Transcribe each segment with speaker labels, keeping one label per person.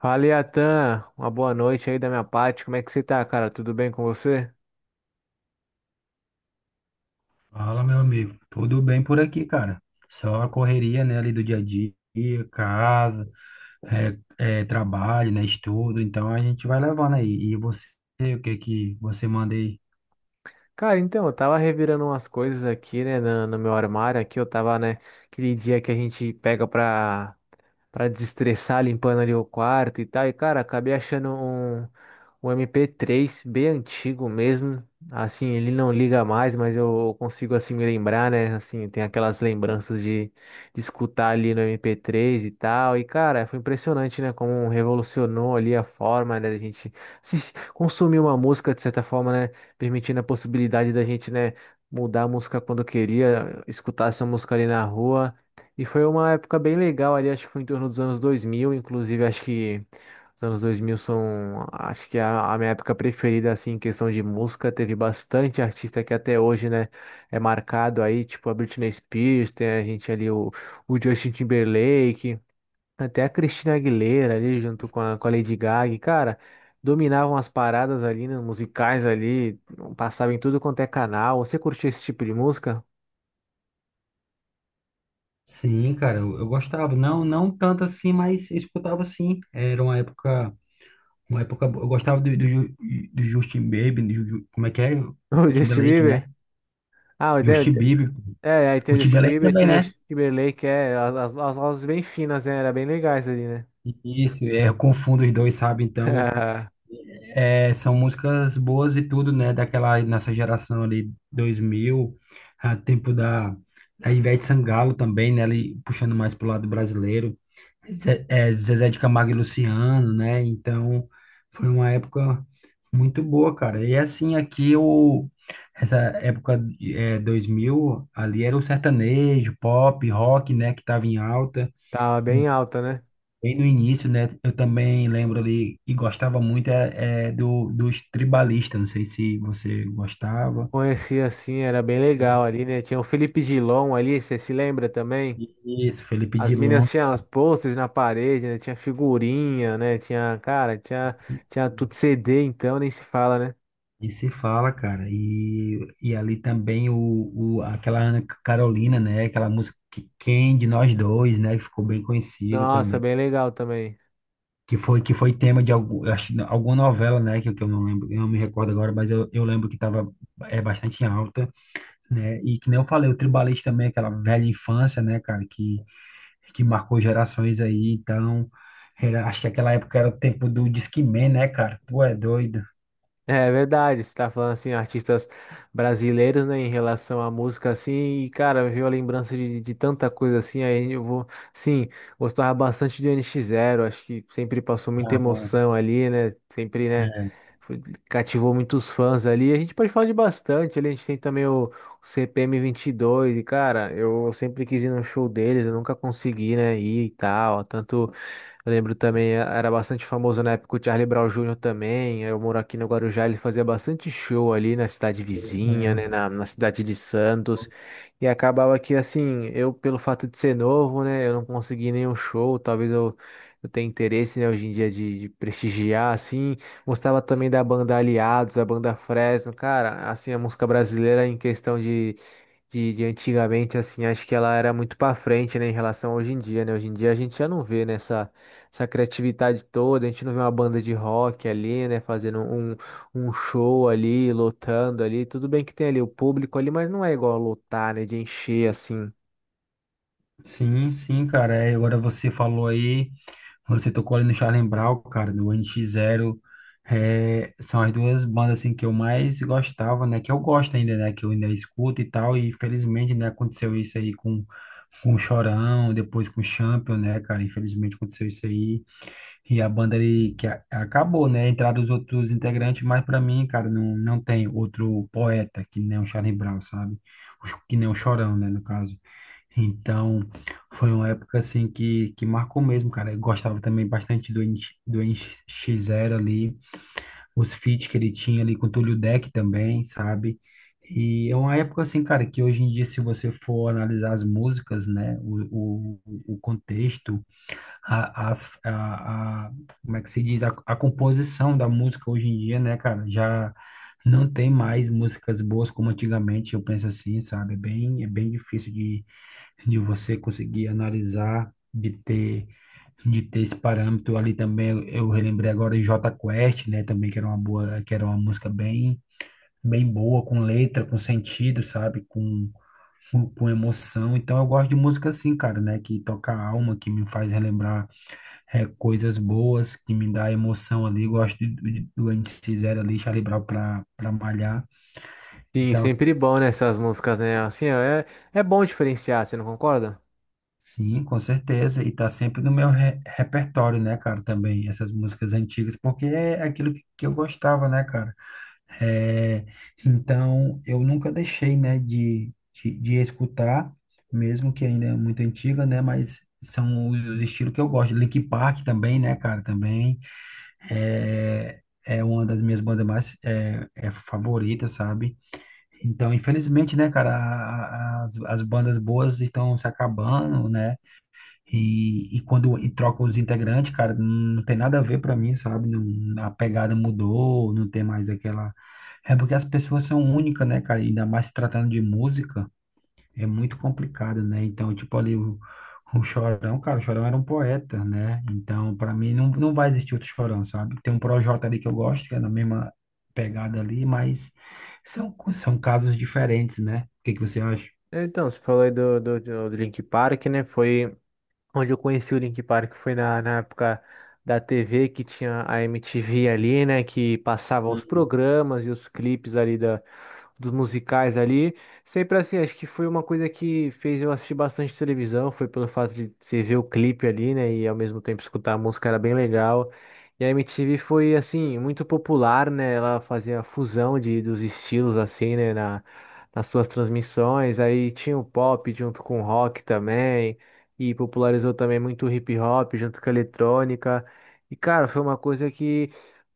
Speaker 1: Fala, Iatan. Uma boa noite aí da minha parte. Como é que você tá, cara? Tudo bem com você?
Speaker 2: Fala, meu amigo. Tudo bem por aqui, cara? Só a correria, né, ali do dia a dia, casa, trabalho, né, estudo. Então a gente vai levando aí. E você, o que que você manda aí?
Speaker 1: Cara, então, eu tava revirando umas coisas aqui, né, no, meu armário aqui, eu tava, né, aquele dia que a gente pega pra desestressar, limpando ali o quarto e tal, e cara, acabei achando um MP3 bem antigo mesmo, assim, ele não liga mais, mas eu consigo, assim, me lembrar, né, assim, tem aquelas lembranças de escutar ali no MP3 e tal, e cara, foi impressionante, né, como revolucionou ali a forma, né, da gente consumir uma música, de certa forma, né, permitindo a possibilidade da gente, né, mudar a música quando queria, escutar essa música ali na rua. E foi uma época bem legal ali, acho que foi em torno dos anos 2000, inclusive acho que os anos 2000 são, acho que é a minha época preferida, assim, em questão de música. Teve bastante artista que até hoje, né, é marcado aí, tipo a Britney Spears, tem a gente ali o Justin Timberlake. Até a Cristina Aguilera ali, junto com a Lady Gaga, e, cara, dominavam as paradas ali, né, musicais ali, passavam em tudo quanto é canal. Você curtiu esse tipo de música?
Speaker 2: Sim, cara, eu gostava. Não, não tanto assim, mas eu escutava sim. Era uma época boa. Eu gostava do Justin Bieber, como é que é? O
Speaker 1: O Justin
Speaker 2: Timberlake, né?
Speaker 1: Bieber? Ah, tem,
Speaker 2: Justin Bieber.
Speaker 1: é, aí tem o
Speaker 2: O
Speaker 1: Justin
Speaker 2: Timberlake
Speaker 1: Bieber,
Speaker 2: também,
Speaker 1: tem o
Speaker 2: né?
Speaker 1: Justin Timberlake, é, as vozes bem finas, né, era bem legais ali, né?
Speaker 2: Isso, eu confundo os dois, sabe? Então. É, são músicas boas e tudo, né? Daquela nossa geração ali, 2000, a tempo da Ivete Sangalo também, né? Ali puxando mais pro lado brasileiro. Zezé de Camargo e Luciano, né? Então, foi uma época muito boa, cara. E assim, aqui o essa época, 2000 ali era o sertanejo, pop, rock, né? Que tava em alta.
Speaker 1: Tava bem alta, né?
Speaker 2: Bem no início, né? Eu também lembro ali e gostava muito dos tribalistas. Não sei se você gostava,
Speaker 1: Conhecia assim, era bem legal
Speaker 2: né?
Speaker 1: ali, né? Tinha o Felipe Dilon ali, você se lembra também?
Speaker 2: Isso, Felipe
Speaker 1: As meninas
Speaker 2: Dilon.
Speaker 1: tinham os posters na parede, né? Tinha figurinha, né? Tinha, cara, tinha tudo CD, então nem se fala, né?
Speaker 2: E se fala, cara. E ali também aquela Ana Carolina, né? Aquela música que, Quem de Nós Dois, né? Que ficou bem conhecida
Speaker 1: Nossa,
Speaker 2: também.
Speaker 1: bem legal também.
Speaker 2: Que foi tema de algum, eu acho, alguma novela, né? Que, eu não lembro, eu não me recordo agora, mas eu lembro que estava bastante em alta, né? E que nem eu falei, o Tribalista também, aquela velha infância, né, cara? Que marcou gerações aí, então, acho que aquela época era o tempo do Disque Man, né, cara? Tu é doido.
Speaker 1: É verdade, você tá falando assim, artistas brasileiros, né, em relação à música, assim, e cara, veio a lembrança de tanta coisa assim, aí eu vou, sim, gostava bastante de NX Zero, acho que sempre passou muita
Speaker 2: Ah,
Speaker 1: emoção ali, né, sempre, né,
Speaker 2: é,
Speaker 1: foi- cativou muitos fãs ali, a gente pode falar de bastante ali, a gente tem também o CPM 22, e dois, e cara, eu sempre quis ir no show deles, eu nunca consegui, né, ir e tal, tanto eu lembro também, era bastante famoso na época o Charlie Brown Júnior também. Eu moro aqui no Guarujá, ele fazia bastante show ali na cidade vizinha, né,
Speaker 2: é.
Speaker 1: na cidade de Santos. E acabava que, assim, eu, pelo fato de ser novo, né, eu não consegui nenhum show. Talvez eu tenha interesse, né, hoje em dia de prestigiar, assim. Gostava também da banda Aliados, da banda Fresno. Cara, assim, a música brasileira em questão de antigamente, assim, acho que ela era muito para frente, né, em relação a hoje em dia, né? Hoje em dia a gente já não vê nessa essa criatividade toda, a gente não vê uma banda de rock ali, né, fazendo um show ali, lotando ali, tudo bem que tem ali o público ali, mas não é igual a lotar, né, de encher assim.
Speaker 2: Sim, sim, cara. Agora você falou aí, você tocou ali no Charlie Brown, cara, do NX Zero. É, são as duas bandas assim que eu mais gostava, né? Que eu gosto ainda, né? Que eu ainda escuto e tal. E infelizmente, né, aconteceu isso aí com o Chorão, depois com o Champion, né, cara? Infelizmente aconteceu isso aí. E a banda ali que acabou, né? Entraram os outros integrantes, mas para mim, cara, não, não tem outro poeta que nem o Charlie Brown, sabe? Que nem o Chorão, né, no caso. Então, foi uma época assim que marcou mesmo, cara. Eu gostava também bastante do NX0 ali, os feats que ele tinha ali com o Túlio Deck também, sabe? E é uma época assim, cara, que hoje em dia, se você for analisar as músicas, né, o contexto a, as- a- como é que se diz? A composição da música hoje em dia, né, cara? Já não tem mais músicas boas como antigamente, eu penso assim, sabe? É bem difícil de você conseguir analisar, de ter esse parâmetro ali também. Eu relembrei agora de Jota Quest, né, também, que era uma boa, que era uma música bem boa, com letra, com sentido, sabe? Com emoção. Então eu gosto de música assim, cara, né? Que toca a alma, que me faz relembrar coisas boas que me dá emoção ali. Gosto do NX Zero ali, Charlie Brown para malhar.
Speaker 1: Sim,
Speaker 2: Então,
Speaker 1: sempre bom, né, essas músicas, né, assim, ó, é, é bom diferenciar, você não concorda?
Speaker 2: sim, com certeza. E tá sempre no meu repertório, né, cara, também, essas músicas antigas, porque é aquilo que eu gostava, né, cara? É, então, eu nunca deixei, né, de escutar, mesmo que ainda é muito antiga, né, mas são os estilos que eu gosto. Linkin Park também, né, cara, também. É uma das minhas bandas mais favorita, sabe? Então, infelizmente, né, cara, as bandas boas estão se acabando, né? E quando e troca os integrantes, cara, não tem nada a ver pra mim, sabe? Não, a pegada mudou, não tem mais aquela. É porque as pessoas são únicas, né, cara? Ainda mais se tratando de música é muito complicado, né? Então, tipo ali o Chorão, cara, o Chorão era um poeta, né? Então, para mim não, não vai existir outro Chorão, sabe? Tem um Projota ali que eu gosto, que é na mesma pegada ali, mas são são casos diferentes, né? O que que você acha?
Speaker 1: É, então, você falou aí do Linkin Park, né, foi onde eu conheci o Link Park foi na época da TV, que tinha a MTV ali, né, que passava os
Speaker 2: Hum.
Speaker 1: programas e os clipes ali dos musicais ali. Sempre assim, acho que foi uma coisa que fez eu assistir bastante televisão, foi pelo fato de você ver o clipe ali, né, e ao mesmo tempo escutar a música era bem legal. E a MTV foi, assim, muito popular, né, ela fazia a fusão dos estilos, assim, né, Nas suas transmissões, aí tinha o pop junto com o rock também e popularizou também muito o hip hop junto com a eletrônica. E, cara, foi uma coisa que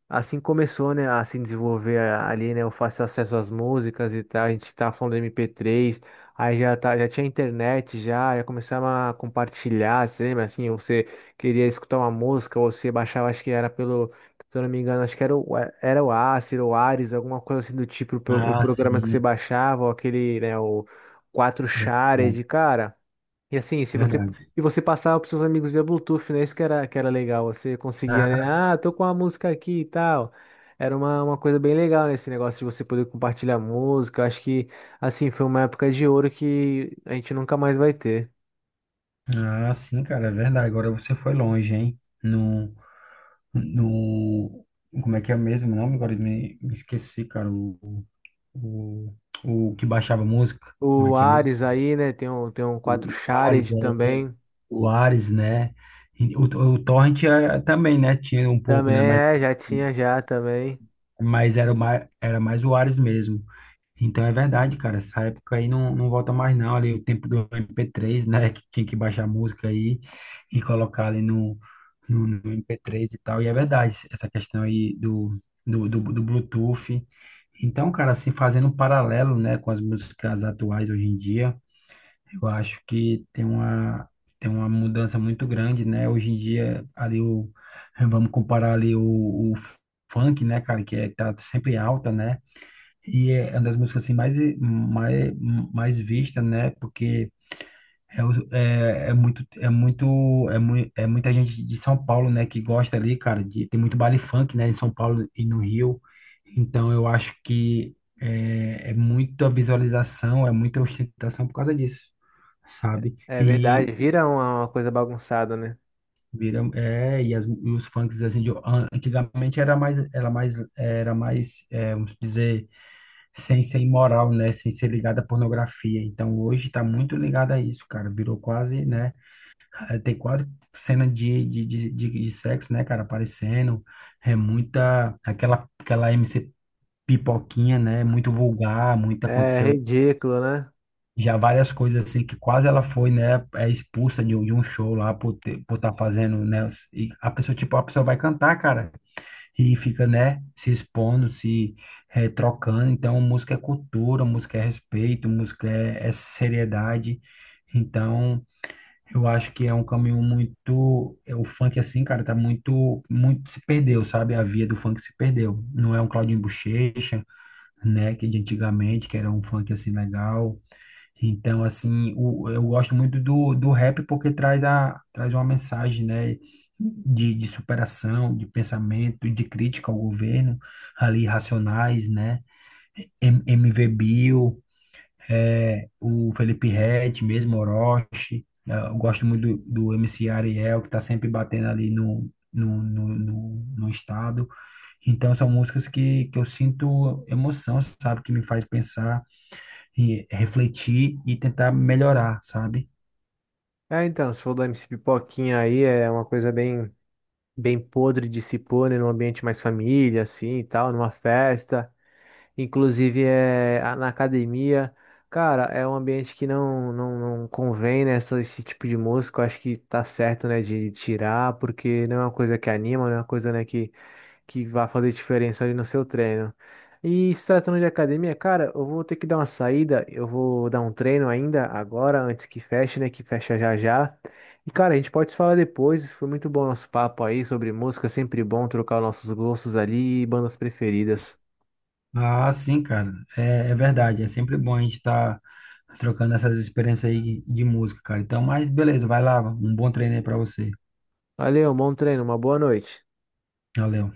Speaker 1: assim começou, né, a se desenvolver ali, né, o fácil acesso às músicas e tal. A gente tá falando de MP3, aí já tá, já tinha internet já, já começava a compartilhar, você lembra assim, você queria escutar uma música ou você baixava, acho que era pelo. Se eu não me engano, acho que era o Acer, o Ares, alguma coisa assim do tipo, o
Speaker 2: Ah,
Speaker 1: programa que você
Speaker 2: sim,
Speaker 1: baixava, ou aquele, né, o 4 Shared,
Speaker 2: verdade,
Speaker 1: cara. E assim, se você
Speaker 2: verdade.
Speaker 1: e você passava pros seus amigos via Bluetooth, né? Isso que era legal. Você conseguia, né?
Speaker 2: Ah,
Speaker 1: Ah, tô com a música aqui e tal. Era uma coisa bem legal, né? Esse negócio de você poder compartilhar música. Eu acho que, assim, foi uma época de ouro que a gente nunca mais vai ter.
Speaker 2: ah, sim, cara, é verdade. Agora você foi longe, hein? No, no, como é que é mesmo o nome? Agora eu me esqueci, cara. O, o que baixava música, como é
Speaker 1: O
Speaker 2: que é mesmo?
Speaker 1: Ares aí, né? Tem um quatro
Speaker 2: O Ares,
Speaker 1: Shared também.
Speaker 2: o Ares, né? E o Torrent, também, né? Tinha um pouco,
Speaker 1: Também
Speaker 2: né? Mas,
Speaker 1: é, já tinha já também.
Speaker 2: mas era mais o Ares mesmo. Então é verdade, cara. Essa época aí não, não volta mais, não. Ali o tempo do MP3, né? Que tinha que baixar a música aí e colocar ali no MP3 e tal. E é verdade, essa questão aí do Bluetooth. Então, cara, assim, fazendo um paralelo, né, com as músicas atuais hoje em dia, eu acho que tem uma mudança muito grande, né? Hoje em dia, ali o. vamos comparar ali o funk, né, cara, que é, tá sempre alta, né? E é uma das músicas assim mais vista, né? Porque muita gente de São Paulo, né, que gosta ali, cara, de tem muito baile funk, né, em São Paulo e no Rio. Então eu acho que é muita visualização, é muita ostentação por causa disso, sabe?
Speaker 1: É verdade,
Speaker 2: E
Speaker 1: vira uma coisa bagunçada, né?
Speaker 2: viram e os funks assim de antigamente era mais vamos dizer sem ser imoral, né? Sem ser ligada à pornografia. Então, hoje está muito ligado a isso, cara. Virou quase, né? Tem quase cena de sexo, né, cara? Aparecendo. É muita... Aquela MC pipoquinha, né? Muito vulgar, muito
Speaker 1: É
Speaker 2: aconteceu...
Speaker 1: ridículo, né?
Speaker 2: Já várias coisas assim que quase ela foi, né, é expulsa de um show lá por ter, por estar fazendo, né? E a pessoa, tipo, a pessoa vai cantar, cara e fica, né, se expondo, se trocando. Então, música é cultura, música é respeito, música é seriedade. Então, eu acho que é um caminho muito. O funk, assim, cara, tá muito, muito se perdeu, sabe? A via do funk se perdeu. Não é um Claudinho Bochecha, né, que é de antigamente, que era um funk assim legal. Então, assim, eu gosto muito do rap porque traz uma mensagem, né, de superação, de pensamento, de crítica ao governo, ali, Racionais, né, MV Bill, o Felipe Ret, mesmo Orochi. Eu gosto muito do MC Ariel, que está sempre batendo ali no estado. Então, são músicas que eu sinto emoção, sabe, que me faz pensar e refletir e tentar melhorar, sabe?
Speaker 1: É, então, se for do MC Pipoquinha aí, é uma coisa bem podre de se pôr, né, num ambiente mais família, assim, e tal, numa festa, inclusive é na academia. Cara, é um ambiente que não, não, não convém, né, só esse tipo de música, eu acho que tá certo, né, de tirar, porque não é uma coisa que anima, não é uma coisa, né, que vai fazer diferença ali no seu treino. E se tratando de academia, cara, eu vou ter que dar uma saída, eu vou dar um treino ainda agora, antes que feche, né? Que fecha já já. E, cara, a gente pode se falar depois. Foi muito bom o nosso papo aí sobre música, sempre bom trocar os nossos gostos ali e bandas preferidas.
Speaker 2: Ah, sim, cara, é verdade. É sempre bom a gente estar trocando essas experiências aí de música, cara. Então, mas beleza, vai lá, um bom treino aí pra você.
Speaker 1: Valeu, bom treino, uma boa noite.
Speaker 2: Valeu.